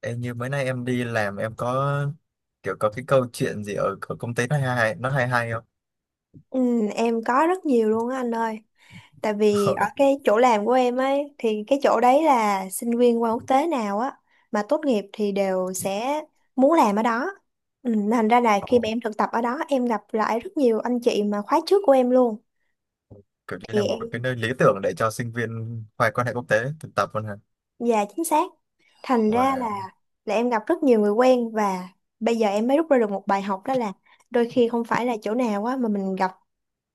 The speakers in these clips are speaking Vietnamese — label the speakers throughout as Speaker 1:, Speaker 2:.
Speaker 1: Em như mấy nay em đi làm em có kiểu có cái câu chuyện gì ở công ty nó hay hay không?
Speaker 2: Ừ, em có rất nhiều luôn á anh ơi. Tại vì
Speaker 1: Rồi.
Speaker 2: ở cái chỗ làm của em ấy thì cái chỗ đấy là sinh viên qua quốc tế nào á mà tốt nghiệp thì đều sẽ muốn làm ở đó. Ừ, thành ra là khi mà
Speaker 1: Ồ,
Speaker 2: em thực tập ở đó em gặp lại rất nhiều anh chị mà khóa trước của em luôn
Speaker 1: kiểu như
Speaker 2: thì
Speaker 1: là một
Speaker 2: em
Speaker 1: cái nơi lý tưởng để cho sinh viên khoa quan hệ quốc tế thực tập luôn hả?
Speaker 2: và chính xác. Thành
Speaker 1: Và
Speaker 2: ra
Speaker 1: wow.
Speaker 2: là em gặp rất nhiều người quen và bây giờ em mới rút ra được một bài học đó là đôi khi không phải là chỗ nào á mà mình gặp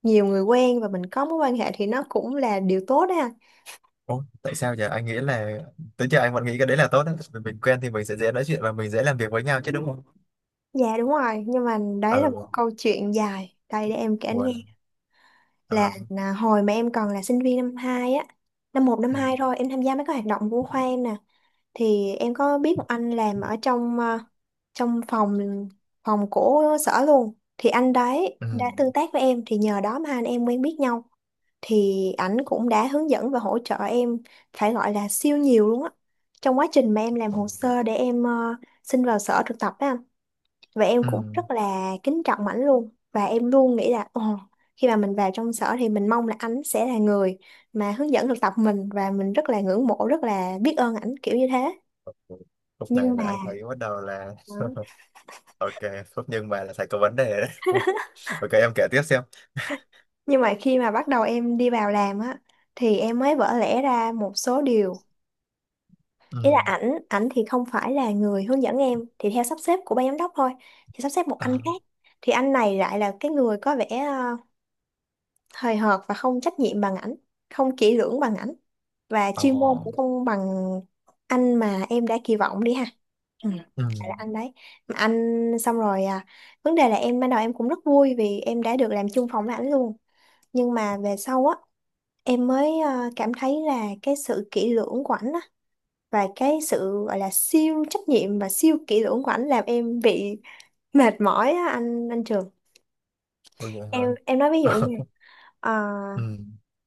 Speaker 2: nhiều người quen và mình có mối quan hệ thì nó cũng là điều tốt đó.
Speaker 1: Ủa, tại sao giờ anh nghĩ là, tới giờ anh vẫn nghĩ cái đấy là tốt đấy. Vì mình quen thì mình sẽ dễ nói chuyện và mình dễ làm việc với nhau chứ, đúng không?
Speaker 2: Dạ đúng rồi, nhưng mà đấy
Speaker 1: Ờ.
Speaker 2: là một câu chuyện dài. Đây để em kể anh nghe
Speaker 1: Wow.
Speaker 2: là
Speaker 1: Ờ.
Speaker 2: hồi mà em còn là sinh viên năm 2 á, năm một năm
Speaker 1: Ừ.
Speaker 2: 2 thôi, em tham gia mấy cái hoạt động của khoa em nè. Thì em có biết một anh làm ở trong trong phòng phòng của sở luôn. Thì anh đấy
Speaker 1: Ừ.
Speaker 2: đã tương tác với em thì nhờ đó mà hai anh em quen biết nhau. Thì ảnh cũng đã hướng dẫn và hỗ trợ em phải gọi là siêu nhiều luôn á. Trong quá trình mà em làm hồ
Speaker 1: Ừ.
Speaker 2: sơ để em xin vào sở thực tập á và em cũng
Speaker 1: Ừ.
Speaker 2: rất là kính trọng ảnh luôn và em luôn nghĩ là ồ, khi mà mình vào trong sở thì mình mong là ảnh sẽ là người mà hướng dẫn thực tập mình và mình rất là ngưỡng mộ rất là biết ơn ảnh kiểu như thế
Speaker 1: Lúc này
Speaker 2: nhưng
Speaker 1: là
Speaker 2: mà
Speaker 1: anh thấy bắt đầu là...
Speaker 2: đó.
Speaker 1: Ok Phúc, nhưng mà là phải có vấn đề đấy. Ok, em kể tiếp xem.
Speaker 2: Nhưng mà khi mà bắt đầu em đi vào làm á thì em mới vỡ lẽ ra một số điều, ý là
Speaker 1: Ừ.
Speaker 2: ảnh ảnh thì không phải là người hướng dẫn em thì theo sắp xếp của ban giám đốc thôi thì sắp xếp một anh
Speaker 1: Ờ.
Speaker 2: khác. Thì anh này lại là cái người có vẻ hời hợt và không trách nhiệm bằng ảnh, không kỹ lưỡng bằng ảnh và
Speaker 1: Ờ.
Speaker 2: chuyên môn cũng không bằng anh mà em đã kỳ vọng đi ha. Ừ.
Speaker 1: Ừ.
Speaker 2: Phải là anh đấy mà anh xong rồi à, vấn đề là em ban đầu em cũng rất vui vì em đã được làm chung phòng với ảnh luôn, nhưng mà về sau á em mới à, cảm thấy là cái sự kỹ lưỡng của ảnh á và cái sự gọi là siêu trách nhiệm và siêu kỹ lưỡng của ảnh làm em bị mệt mỏi á anh Trường.
Speaker 1: Ôi vậy thôi.
Speaker 2: Em nói ví dụ nha. ờ,
Speaker 1: Ừ.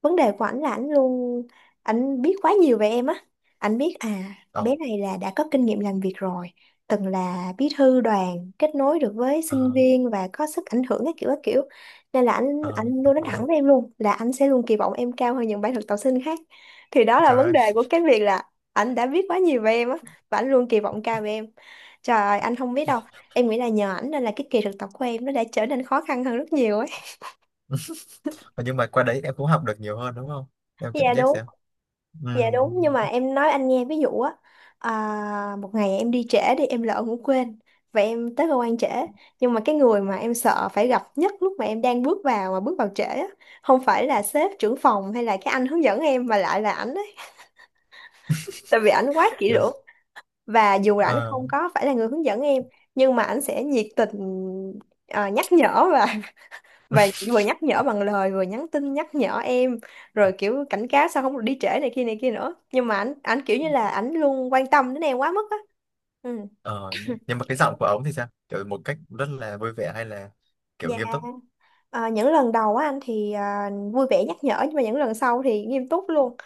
Speaker 2: Vấn đề của ảnh là ảnh luôn, ảnh biết quá nhiều về em á, ảnh biết à
Speaker 1: Ờ.
Speaker 2: bé này là đã có kinh nghiệm làm việc rồi, từng là bí thư đoàn kết nối được với sinh
Speaker 1: Ờ.
Speaker 2: viên và có sức ảnh hưởng các kiểu các kiểu. Nên là ảnh
Speaker 1: Ờ.
Speaker 2: ảnh luôn nói thẳng với em luôn là anh sẽ luôn kỳ vọng em cao hơn những bạn thực tập sinh khác. Thì đó là
Speaker 1: Trời
Speaker 2: vấn
Speaker 1: ơi.
Speaker 2: đề của cái việc là ảnh đã biết quá nhiều về em á và ảnh luôn kỳ vọng cao về em. Trời ơi, anh không biết đâu, em nghĩ là nhờ ảnh nên là cái kỳ thực tập của em nó đã trở nên khó khăn hơn rất nhiều ấy.
Speaker 1: Mà nhưng mà qua đấy em cũng học được nhiều hơn đúng không, em cảm
Speaker 2: Dạ
Speaker 1: giác
Speaker 2: đúng.
Speaker 1: sao? Ừ.
Speaker 2: Dạ đúng, nhưng mà em nói anh nghe ví dụ á. À, một ngày em đi trễ đi, em lỡ ngủ quên và em tới cơ quan trễ, nhưng mà cái người mà em sợ phải gặp nhất lúc mà em đang bước vào bước vào trễ á không phải là sếp trưởng phòng hay là cái anh hướng dẫn em mà lại là ảnh ấy, tại vì ảnh quá kỹ
Speaker 1: Kiểu,
Speaker 2: lưỡng. Và dù là ảnh
Speaker 1: ờ.
Speaker 2: không có phải là người hướng dẫn em nhưng mà ảnh sẽ nhiệt tình à, nhắc nhở và và vừa nhắc nhở bằng lời vừa nhắn tin nhắc nhở em, rồi kiểu cảnh cáo sao không được đi trễ này kia nữa. Nhưng mà ảnh ảnh kiểu như là ảnh luôn quan tâm đến em quá mức á. Ừ.
Speaker 1: Ờ. Nhưng mà
Speaker 2: Kiểu
Speaker 1: cái giọng của
Speaker 2: như-
Speaker 1: ổng thì sao, kiểu một cách rất là vui vẻ hay là kiểu
Speaker 2: dạ,
Speaker 1: nghiêm túc?
Speaker 2: à, những lần đầu á anh thì à, vui vẻ nhắc nhở nhưng mà những lần sau thì nghiêm túc luôn.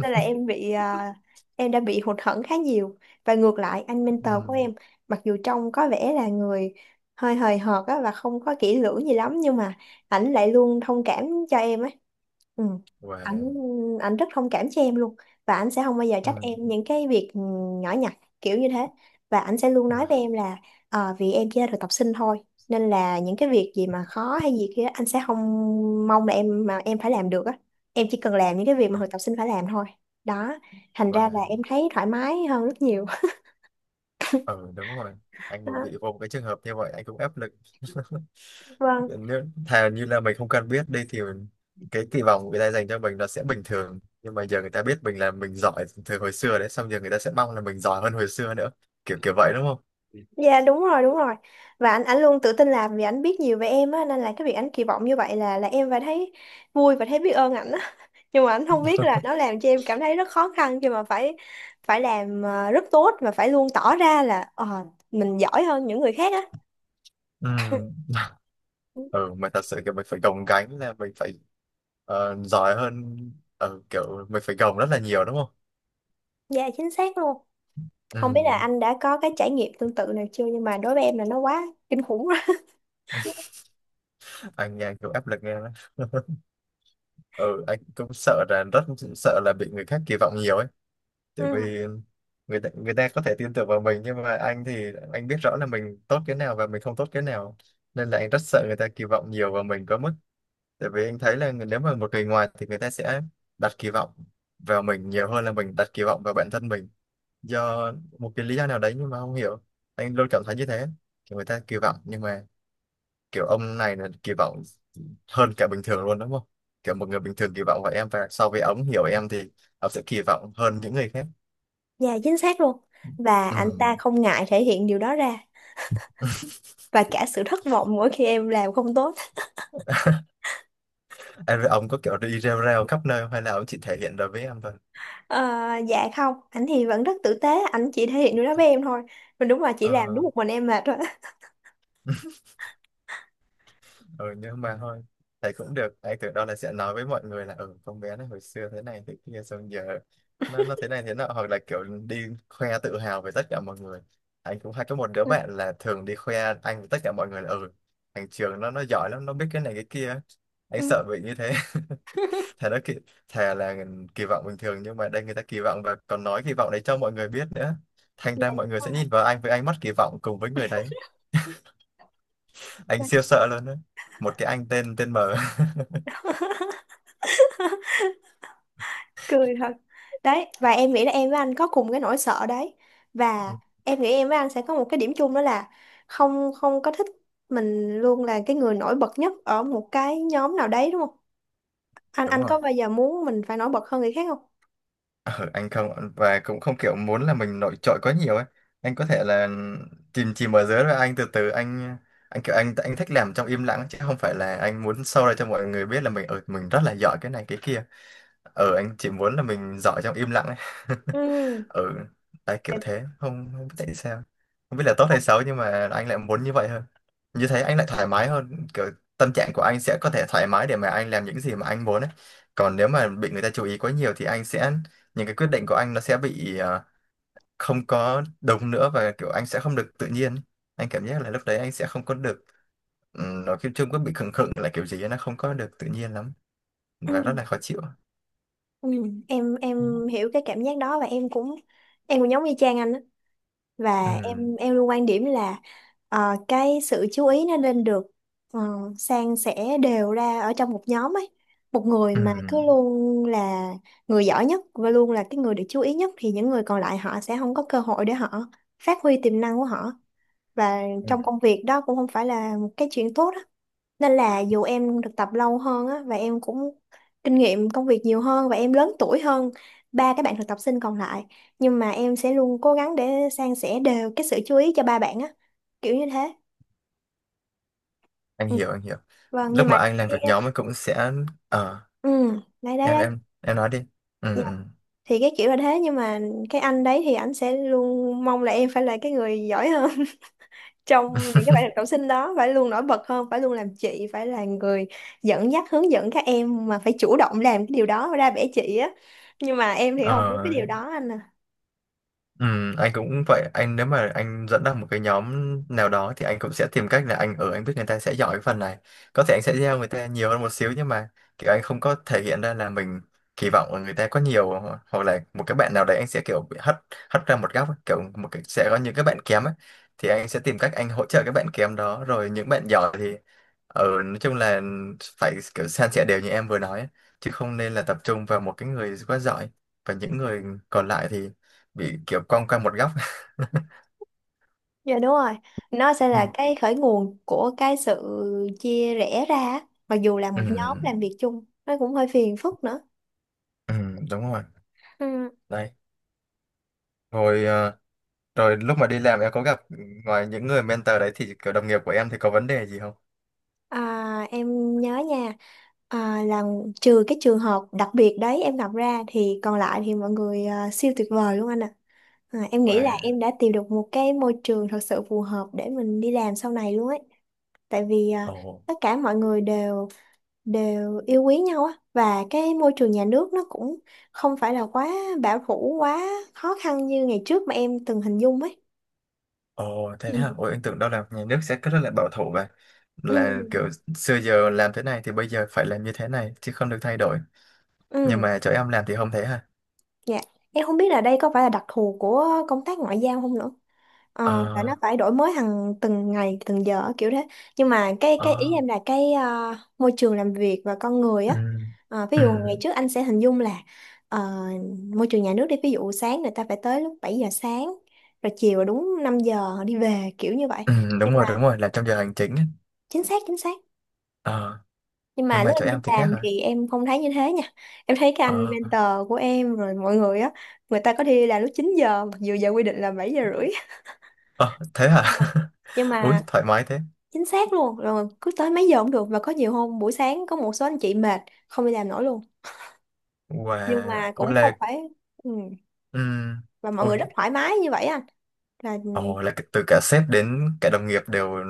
Speaker 2: Nên là em bị à, em đã bị hụt hẫng khá nhiều. Và ngược lại anh mentor của
Speaker 1: Ừ.
Speaker 2: em, mặc dù trông có vẻ là người hơi hời hợt á và không có kỹ lưỡng gì lắm nhưng mà ảnh lại luôn thông cảm cho em ấy. Ừ. ảnh
Speaker 1: Wow.
Speaker 2: Ảnh rất thông cảm cho em luôn, và ảnh sẽ không bao giờ
Speaker 1: Ừ.
Speaker 2: trách em những cái việc ừ, nhỏ nhặt kiểu như thế. Và ảnh sẽ luôn nói
Speaker 1: Wow.
Speaker 2: với em là ờ, vì em chỉ là thực tập sinh thôi nên là những cái việc gì mà khó hay gì kia anh sẽ không mong là em em phải làm được á, em chỉ cần làm những cái việc mà
Speaker 1: Ờ.
Speaker 2: thực tập sinh phải làm thôi. Đó, thành ra là em
Speaker 1: Wow.
Speaker 2: thấy thoải mái hơn rất nhiều.
Speaker 1: Ừ, đúng rồi, anh mà
Speaker 2: Đó.
Speaker 1: bị gồm cái trường hợp như vậy anh cũng áp lực.
Speaker 2: Vâng.
Speaker 1: Nếu thà như là mình không cần biết đi thì cái kỳ vọng người ta dành cho mình nó sẽ bình thường, nhưng mà giờ người ta biết mình là mình giỏi từ hồi xưa đấy, xong giờ người ta sẽ mong là mình giỏi hơn hồi xưa nữa. Kiểu kiểu vậy đúng không?
Speaker 2: Dạ đúng rồi, đúng rồi. Và ảnh luôn tự tin làm vì ảnh biết nhiều về em á nên là cái việc ảnh kỳ vọng như vậy là em phải thấy vui và thấy biết ơn ảnh á. Nhưng mà ảnh không biết là nó làm cho em cảm thấy rất khó khăn khi mà phải phải làm ờ, rất tốt và phải luôn tỏ ra là ờ, mình giỏi hơn những người khác á.
Speaker 1: Ừ. Ừ, mà thật sự kiểu mình phải gồng gánh là mình phải, ờ, giỏi hơn. Ừ, kiểu mình phải gồng rất là nhiều đúng không?
Speaker 2: Dạ chính xác luôn.
Speaker 1: Ừ.
Speaker 2: Không biết là anh đã có cái trải nghiệm tương tự nào chưa nhưng mà đối với em là nó quá kinh khủng rồi.
Speaker 1: Anh nghe kiểu áp lực nghe đó. Ừ, anh cũng sợ là rất sợ là bị người khác kỳ vọng nhiều ấy. Tại
Speaker 2: Ừ.
Speaker 1: vì người ta có thể tin tưởng vào mình, nhưng mà anh thì anh biết rõ là mình tốt cái nào và mình không tốt cái nào. Nên là anh rất sợ người ta kỳ vọng nhiều vào mình quá mức. Tại vì anh thấy là nếu mà một người ngoài thì người ta sẽ đặt kỳ vọng vào mình nhiều hơn là mình đặt kỳ vọng vào bản thân mình, do một cái lý do nào đấy nhưng mà không hiểu, anh luôn cảm thấy như thế. Kiểu người ta kỳ vọng, nhưng mà kiểu ông này là kỳ vọng hơn cả bình thường luôn, đúng không? Kiểu một người bình thường kỳ vọng vào em, và so với ông hiểu em thì ông sẽ kỳ vọng hơn những người khác.
Speaker 2: Dạ chính xác luôn. Và anh
Speaker 1: Ừ.
Speaker 2: ta không ngại thể hiện điều đó ra và cả sự thất vọng mỗi khi em làm không tốt.
Speaker 1: Em với ông có kiểu đi rêu rêu khắp nơi không, hay là ông chỉ thể hiện ra với em thôi?
Speaker 2: Ờ, dạ không, anh thì vẫn rất tử tế, anh chỉ thể hiện điều đó với em thôi. Mình đúng là chỉ làm
Speaker 1: Ờ.
Speaker 2: đúng một mình em mệt thôi.
Speaker 1: Ừ, nhưng mà thôi, thầy cũng được. Anh tưởng đâu là sẽ nói với mọi người là, ừ, con bé này hồi xưa thế này thế kia, xong giờ nó thế này thế nọ, hoặc là kiểu đi khoe tự hào với tất cả mọi người. Anh cũng hay có một đứa
Speaker 2: Ừ.
Speaker 1: bạn là thường đi khoe anh với tất cả mọi người là, ừ, thằng Trường nó giỏi lắm, nó biết cái này cái kia. Anh
Speaker 2: Ừ,
Speaker 1: sợ bị như thế. thà đó kỳ, Thà là kỳ vọng bình thường, nhưng mà đây người ta kỳ vọng và còn nói kỳ vọng đấy cho mọi người biết nữa, thành ra
Speaker 2: dạ,
Speaker 1: mọi người sẽ
Speaker 2: đúng
Speaker 1: nhìn vào anh với ánh mắt kỳ vọng cùng với người đấy. Anh
Speaker 2: rồi.
Speaker 1: siêu sợ luôn đấy, một cái anh tên tên M.
Speaker 2: Cười thật. Đấy, và em nghĩ là em với anh có cùng cái nỗi sợ đấy. Và
Speaker 1: Ừ,
Speaker 2: em nghĩ em với anh sẽ có một cái điểm chung đó là không không có thích mình luôn là cái người nổi bật nhất ở một cái nhóm nào đấy đúng không? Anh
Speaker 1: đúng
Speaker 2: anh
Speaker 1: rồi.
Speaker 2: có bao giờ muốn mình phải nổi bật hơn người khác không?
Speaker 1: Ừ, anh không, và cũng không kiểu muốn là mình nổi trội quá nhiều ấy. Anh có thể là chìm chìm ở dưới, rồi anh từ từ anh kiểu anh thích làm trong im lặng, chứ không phải là anh muốn show ra cho mọi người biết là mình rất là giỏi cái này cái kia. Anh chỉ muốn là mình giỏi trong im lặng ấy.
Speaker 2: Ừ.
Speaker 1: Ừ. Tại kiểu thế, không không biết tại sao, không biết là tốt hay xấu, nhưng mà anh lại muốn như vậy hơn. Như thế anh lại thoải mái hơn, kiểu tâm trạng của anh sẽ có thể thoải mái để mà anh làm những gì mà anh muốn ấy. Còn nếu mà bị người ta chú ý quá nhiều thì anh sẽ, những cái quyết định của anh nó sẽ bị, ờ, không có đúng nữa, và kiểu anh sẽ không được tự nhiên ấy. Anh cảm giác là lúc đấy anh sẽ không có được, nó kiểu chung có bị khựng khựng là kiểu gì ấy, nó không có được tự nhiên lắm,
Speaker 2: Ừ.
Speaker 1: và rất là khó chịu.
Speaker 2: Ừ. em hiểu cái cảm giác đó và em cũng cũng giống như Trang anh á. Và
Speaker 1: Ừ.
Speaker 2: em luôn quan điểm là ờ, cái sự chú ý nó nên được ờ, san sẻ đều ra ở trong một nhóm ấy. Một người mà cứ luôn là người giỏi nhất và luôn là cái người được chú ý nhất thì những người còn lại họ sẽ không có cơ hội để họ phát huy tiềm năng của họ, và
Speaker 1: Ừ.
Speaker 2: trong công việc đó cũng không phải là một cái chuyện tốt á. Nên là dù em được tập lâu hơn á và em cũng kinh nghiệm công việc nhiều hơn và em lớn tuổi hơn ba các bạn thực tập sinh còn lại, nhưng mà em sẽ luôn cố gắng để san sẻ đều cái sự chú ý cho ba bạn á kiểu như thế.
Speaker 1: Anh
Speaker 2: Ừ.
Speaker 1: hiểu, anh hiểu.
Speaker 2: Vâng, nhưng
Speaker 1: Lúc
Speaker 2: mà
Speaker 1: mà anh làm việc nhóm ấy cũng sẽ, ờ...
Speaker 2: ừ đấy đấy
Speaker 1: em em
Speaker 2: đấy.
Speaker 1: em nói đi.
Speaker 2: Dạ.
Speaker 1: Ừ, ừ.
Speaker 2: Thì cái kiểu là thế, nhưng mà cái anh đấy thì ảnh sẽ luôn mong là em phải là cái người giỏi hơn trong những cái bài thực tập sinh đó, phải luôn nổi bật hơn, phải luôn làm chị, phải là người dẫn dắt hướng dẫn các em mà phải chủ động làm cái điều đó ra vẻ chị á. Nhưng mà em thì không muốn cái
Speaker 1: Ờ.
Speaker 2: điều đó anh à.
Speaker 1: Ừ, anh cũng vậy, anh nếu mà anh dẫn ra một cái nhóm nào đó thì anh cũng sẽ tìm cách là anh, anh biết người ta sẽ giỏi cái phần này, có thể anh sẽ gieo người ta nhiều hơn một xíu, nhưng mà kiểu anh không có thể hiện ra là mình kỳ vọng là người ta có nhiều hoặc là một cái bạn nào đấy anh sẽ kiểu bị hất hất ra một góc ấy. Kiểu một cái, sẽ có những cái bạn kém ấy, thì anh sẽ tìm cách anh hỗ trợ các bạn kém đó, rồi những bạn giỏi thì, nói chung là phải kiểu san sẻ đều như em vừa nói ấy, chứ không nên là tập trung vào một cái người quá giỏi và những người còn lại thì bị kiểu cong qua một góc.
Speaker 2: Dạ đúng rồi, nó sẽ
Speaker 1: Ừ.
Speaker 2: là cái khởi nguồn của cái sự chia rẽ ra á. Mặc dù là một
Speaker 1: Ừ,
Speaker 2: nhóm làm việc chung nó cũng hơi phiền phức nữa.
Speaker 1: ừ, đúng rồi.
Speaker 2: Ừ.
Speaker 1: Đấy. rồi ờ, rồi lúc mà đi làm, em có gặp, ngoài những người mentor đấy thì kiểu đồng nghiệp của em thì có vấn đề gì không?
Speaker 2: À, em nhớ nha. À, là trừ cái trường hợp đặc biệt đấy em gặp ra thì còn lại thì mọi người à, siêu tuyệt vời luôn anh ạ. À, em nghĩ là
Speaker 1: Và...
Speaker 2: em đã tìm được một cái môi trường thật sự phù hợp để mình đi làm sau này luôn ấy. Tại vì à,
Speaker 1: ồ
Speaker 2: tất cả mọi người đều đều yêu quý nhau á và cái môi trường nhà nước nó cũng không phải là quá bảo thủ quá khó khăn như ngày trước mà em từng hình dung ấy.
Speaker 1: ồ thế
Speaker 2: Ừ.
Speaker 1: hả? Ôi anh tưởng đâu là nhà nước sẽ rất là bảo thủ, và
Speaker 2: Ừ.
Speaker 1: là kiểu xưa giờ làm thế này thì bây giờ phải làm như thế này, chứ không được thay đổi. Nhưng
Speaker 2: Ừ,
Speaker 1: mà chỗ em làm thì không thế hả?
Speaker 2: dạ. Em không biết là đây có phải là đặc thù của công tác ngoại giao không nữa.
Speaker 1: Ờ.
Speaker 2: Và nó phải đổi mới hàng từng ngày từng giờ á, kiểu thế. Nhưng mà cái ý
Speaker 1: Ờ.
Speaker 2: em là cái môi trường làm việc và con người
Speaker 1: Ừ,
Speaker 2: á. Ờ, ví
Speaker 1: ừ,
Speaker 2: dụ ngày trước anh sẽ hình dung là ờ, môi trường nhà nước đi, ví dụ sáng người ta phải tới lúc 7 giờ sáng, rồi chiều là đúng 5 giờ họ đi về, kiểu như vậy.
Speaker 1: ừ, đúng
Speaker 2: Nhưng mà
Speaker 1: rồi, đúng rồi, làm trong giờ hành chính ấy.
Speaker 2: chính xác, chính xác,
Speaker 1: Ờ,
Speaker 2: nhưng
Speaker 1: nhưng
Speaker 2: mà
Speaker 1: mà
Speaker 2: lúc
Speaker 1: chỗ
Speaker 2: em đi
Speaker 1: em thì khác
Speaker 2: làm
Speaker 1: rồi.
Speaker 2: thì em không thấy như thế nha. Em thấy cái anh
Speaker 1: Ờ.
Speaker 2: mentor của em rồi mọi người á, người ta có đi là lúc 9 giờ mặc dù giờ quy định là 7 giờ rưỡi.
Speaker 1: Ờ, thế hả?
Speaker 2: Ờ. Nhưng
Speaker 1: Ui,
Speaker 2: mà
Speaker 1: thoải mái thế.
Speaker 2: chính xác luôn, rồi cứ tới mấy giờ cũng được, và có nhiều hôm buổi sáng có một số anh chị mệt không đi làm nổi luôn.
Speaker 1: Wow,
Speaker 2: Nhưng mà
Speaker 1: ôi
Speaker 2: cũng không
Speaker 1: là.
Speaker 2: phải, ừ,
Speaker 1: Ừm.
Speaker 2: và mọi
Speaker 1: Ôi.
Speaker 2: người rất thoải mái như vậy anh, là ừ,
Speaker 1: Ồ, là từ cả sếp đến cả đồng nghiệp đều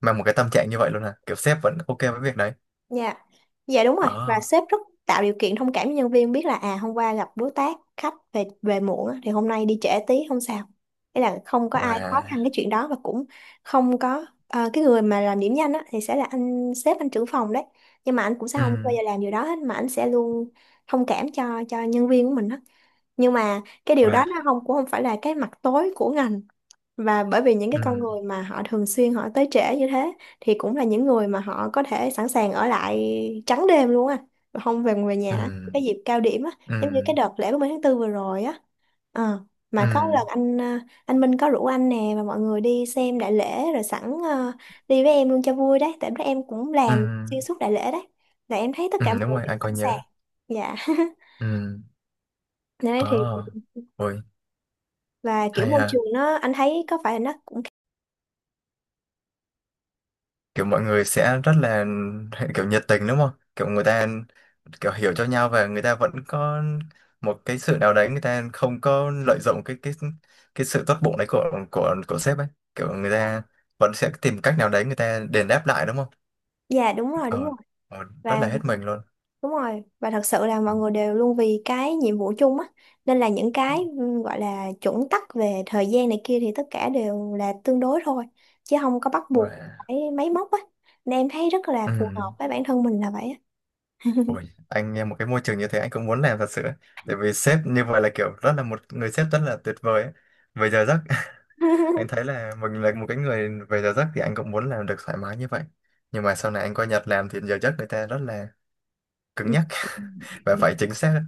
Speaker 1: mang một cái tâm trạng như vậy luôn à? Kiểu sếp vẫn ok với việc đấy.
Speaker 2: nha. Dạ đúng rồi, và
Speaker 1: Ờ.
Speaker 2: sếp rất tạo điều kiện, thông cảm với nhân viên, biết là à, hôm qua gặp đối tác khách về về muộn á, thì hôm nay đi trễ tí không sao. Thế là không có ai khó
Speaker 1: Wow.
Speaker 2: khăn cái chuyện đó, và cũng không có cái người mà làm điểm danh á, thì sẽ là anh sếp, anh trưởng phòng đấy, nhưng mà anh cũng sẽ không bao
Speaker 1: Ừm.
Speaker 2: giờ làm điều đó hết, mà anh sẽ luôn thông cảm cho nhân viên của mình đó. Nhưng mà cái điều đó
Speaker 1: Wow.
Speaker 2: nó không, cũng không phải là cái mặt tối của ngành. Và bởi vì những cái con
Speaker 1: Ừm.
Speaker 2: người mà họ thường xuyên họ tới trễ như thế, thì cũng là những người mà họ có thể sẵn sàng ở lại trắng đêm luôn á, và không về về nhà á. Cái
Speaker 1: Ừm.
Speaker 2: dịp cao điểm á, giống như cái
Speaker 1: Ừm.
Speaker 2: đợt lễ 30 tháng 4 vừa rồi á. Ờ, mà có lần
Speaker 1: Ừm.
Speaker 2: anh anh Minh có rủ anh nè và mọi người đi xem đại lễ, rồi sẵn đi với em luôn cho vui đấy, tại bữa em cũng làm
Speaker 1: Ừm.
Speaker 2: xuyên suốt đại lễ đấy. Là em thấy tất cả
Speaker 1: Ừm,
Speaker 2: mọi
Speaker 1: đúng
Speaker 2: người
Speaker 1: rồi,
Speaker 2: đều
Speaker 1: anh có
Speaker 2: sẵn sàng.
Speaker 1: nhớ.
Speaker 2: Dạ.
Speaker 1: Ừm.
Speaker 2: Đấy thì,
Speaker 1: Ờ. Ôi,
Speaker 2: và kiểu
Speaker 1: hay
Speaker 2: môi
Speaker 1: ha.
Speaker 2: trường nó, anh thấy có phải là nó cũng.
Speaker 1: Kiểu mọi người sẽ rất là, kiểu nhiệt tình đúng không? Kiểu người ta kiểu hiểu cho nhau, và người ta vẫn có một cái sự nào đấy, người ta không có lợi dụng cái sự tốt bụng đấy của sếp ấy. Kiểu người ta vẫn sẽ tìm cách nào đấy người ta đền đáp lại đúng không?
Speaker 2: Dạ đúng rồi, đúng
Speaker 1: Ờ.
Speaker 2: rồi,
Speaker 1: Ờ, rất là
Speaker 2: và
Speaker 1: hết mình luôn.
Speaker 2: đúng rồi, và thật sự là mọi người đều luôn vì cái nhiệm vụ chung á, nên là những cái ừ, gọi là chuẩn tắc về thời gian này kia thì tất cả đều là tương đối thôi, chứ không có bắt
Speaker 1: Ôi.
Speaker 2: buộc phải máy móc á. Nên em thấy rất là
Speaker 1: Ừ.
Speaker 2: phù hợp với bản thân mình là vậy á.
Speaker 1: Ôi, anh nghe một cái môi trường như thế anh cũng muốn làm thật sự ấy. Tại vì sếp như vậy là kiểu rất là, một người sếp rất là tuyệt vời ấy. Về giờ giấc, anh thấy là mình là một cái người về giờ giấc thì anh cũng muốn làm được thoải mái như vậy. Nhưng mà sau này anh qua Nhật làm thì giờ giấc người ta rất là cứng nhắc, và
Speaker 2: Ừ,
Speaker 1: phải chính xác.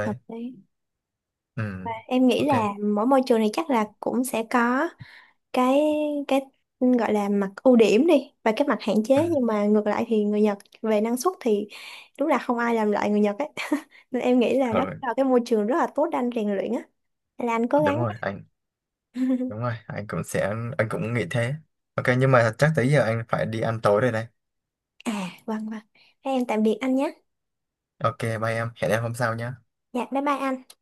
Speaker 2: hợp lý.
Speaker 1: Ừ.
Speaker 2: Và em nghĩ
Speaker 1: Ok.
Speaker 2: là mỗi môi trường này chắc là cũng sẽ có cái cái gọi là mặt ưu điểm đi, và cái mặt hạn
Speaker 1: Ừ.
Speaker 2: chế. Nhưng mà ngược lại thì người Nhật về năng suất thì đúng là không ai làm lại người Nhật ấy. Nên em nghĩ là đó
Speaker 1: Ừ,
Speaker 2: là cái môi trường rất là tốt để anh rèn luyện á, là anh cố
Speaker 1: đúng
Speaker 2: gắng.
Speaker 1: rồi anh, đúng rồi anh, cũng sẽ anh cũng nghĩ thế. Ok, nhưng mà chắc tới giờ anh phải đi ăn tối rồi đây.
Speaker 2: À vâng vâng, thế em tạm biệt anh nhé.
Speaker 1: Ok, bye em, hẹn em hôm sau nhé.
Speaker 2: Dạ bye bye anh.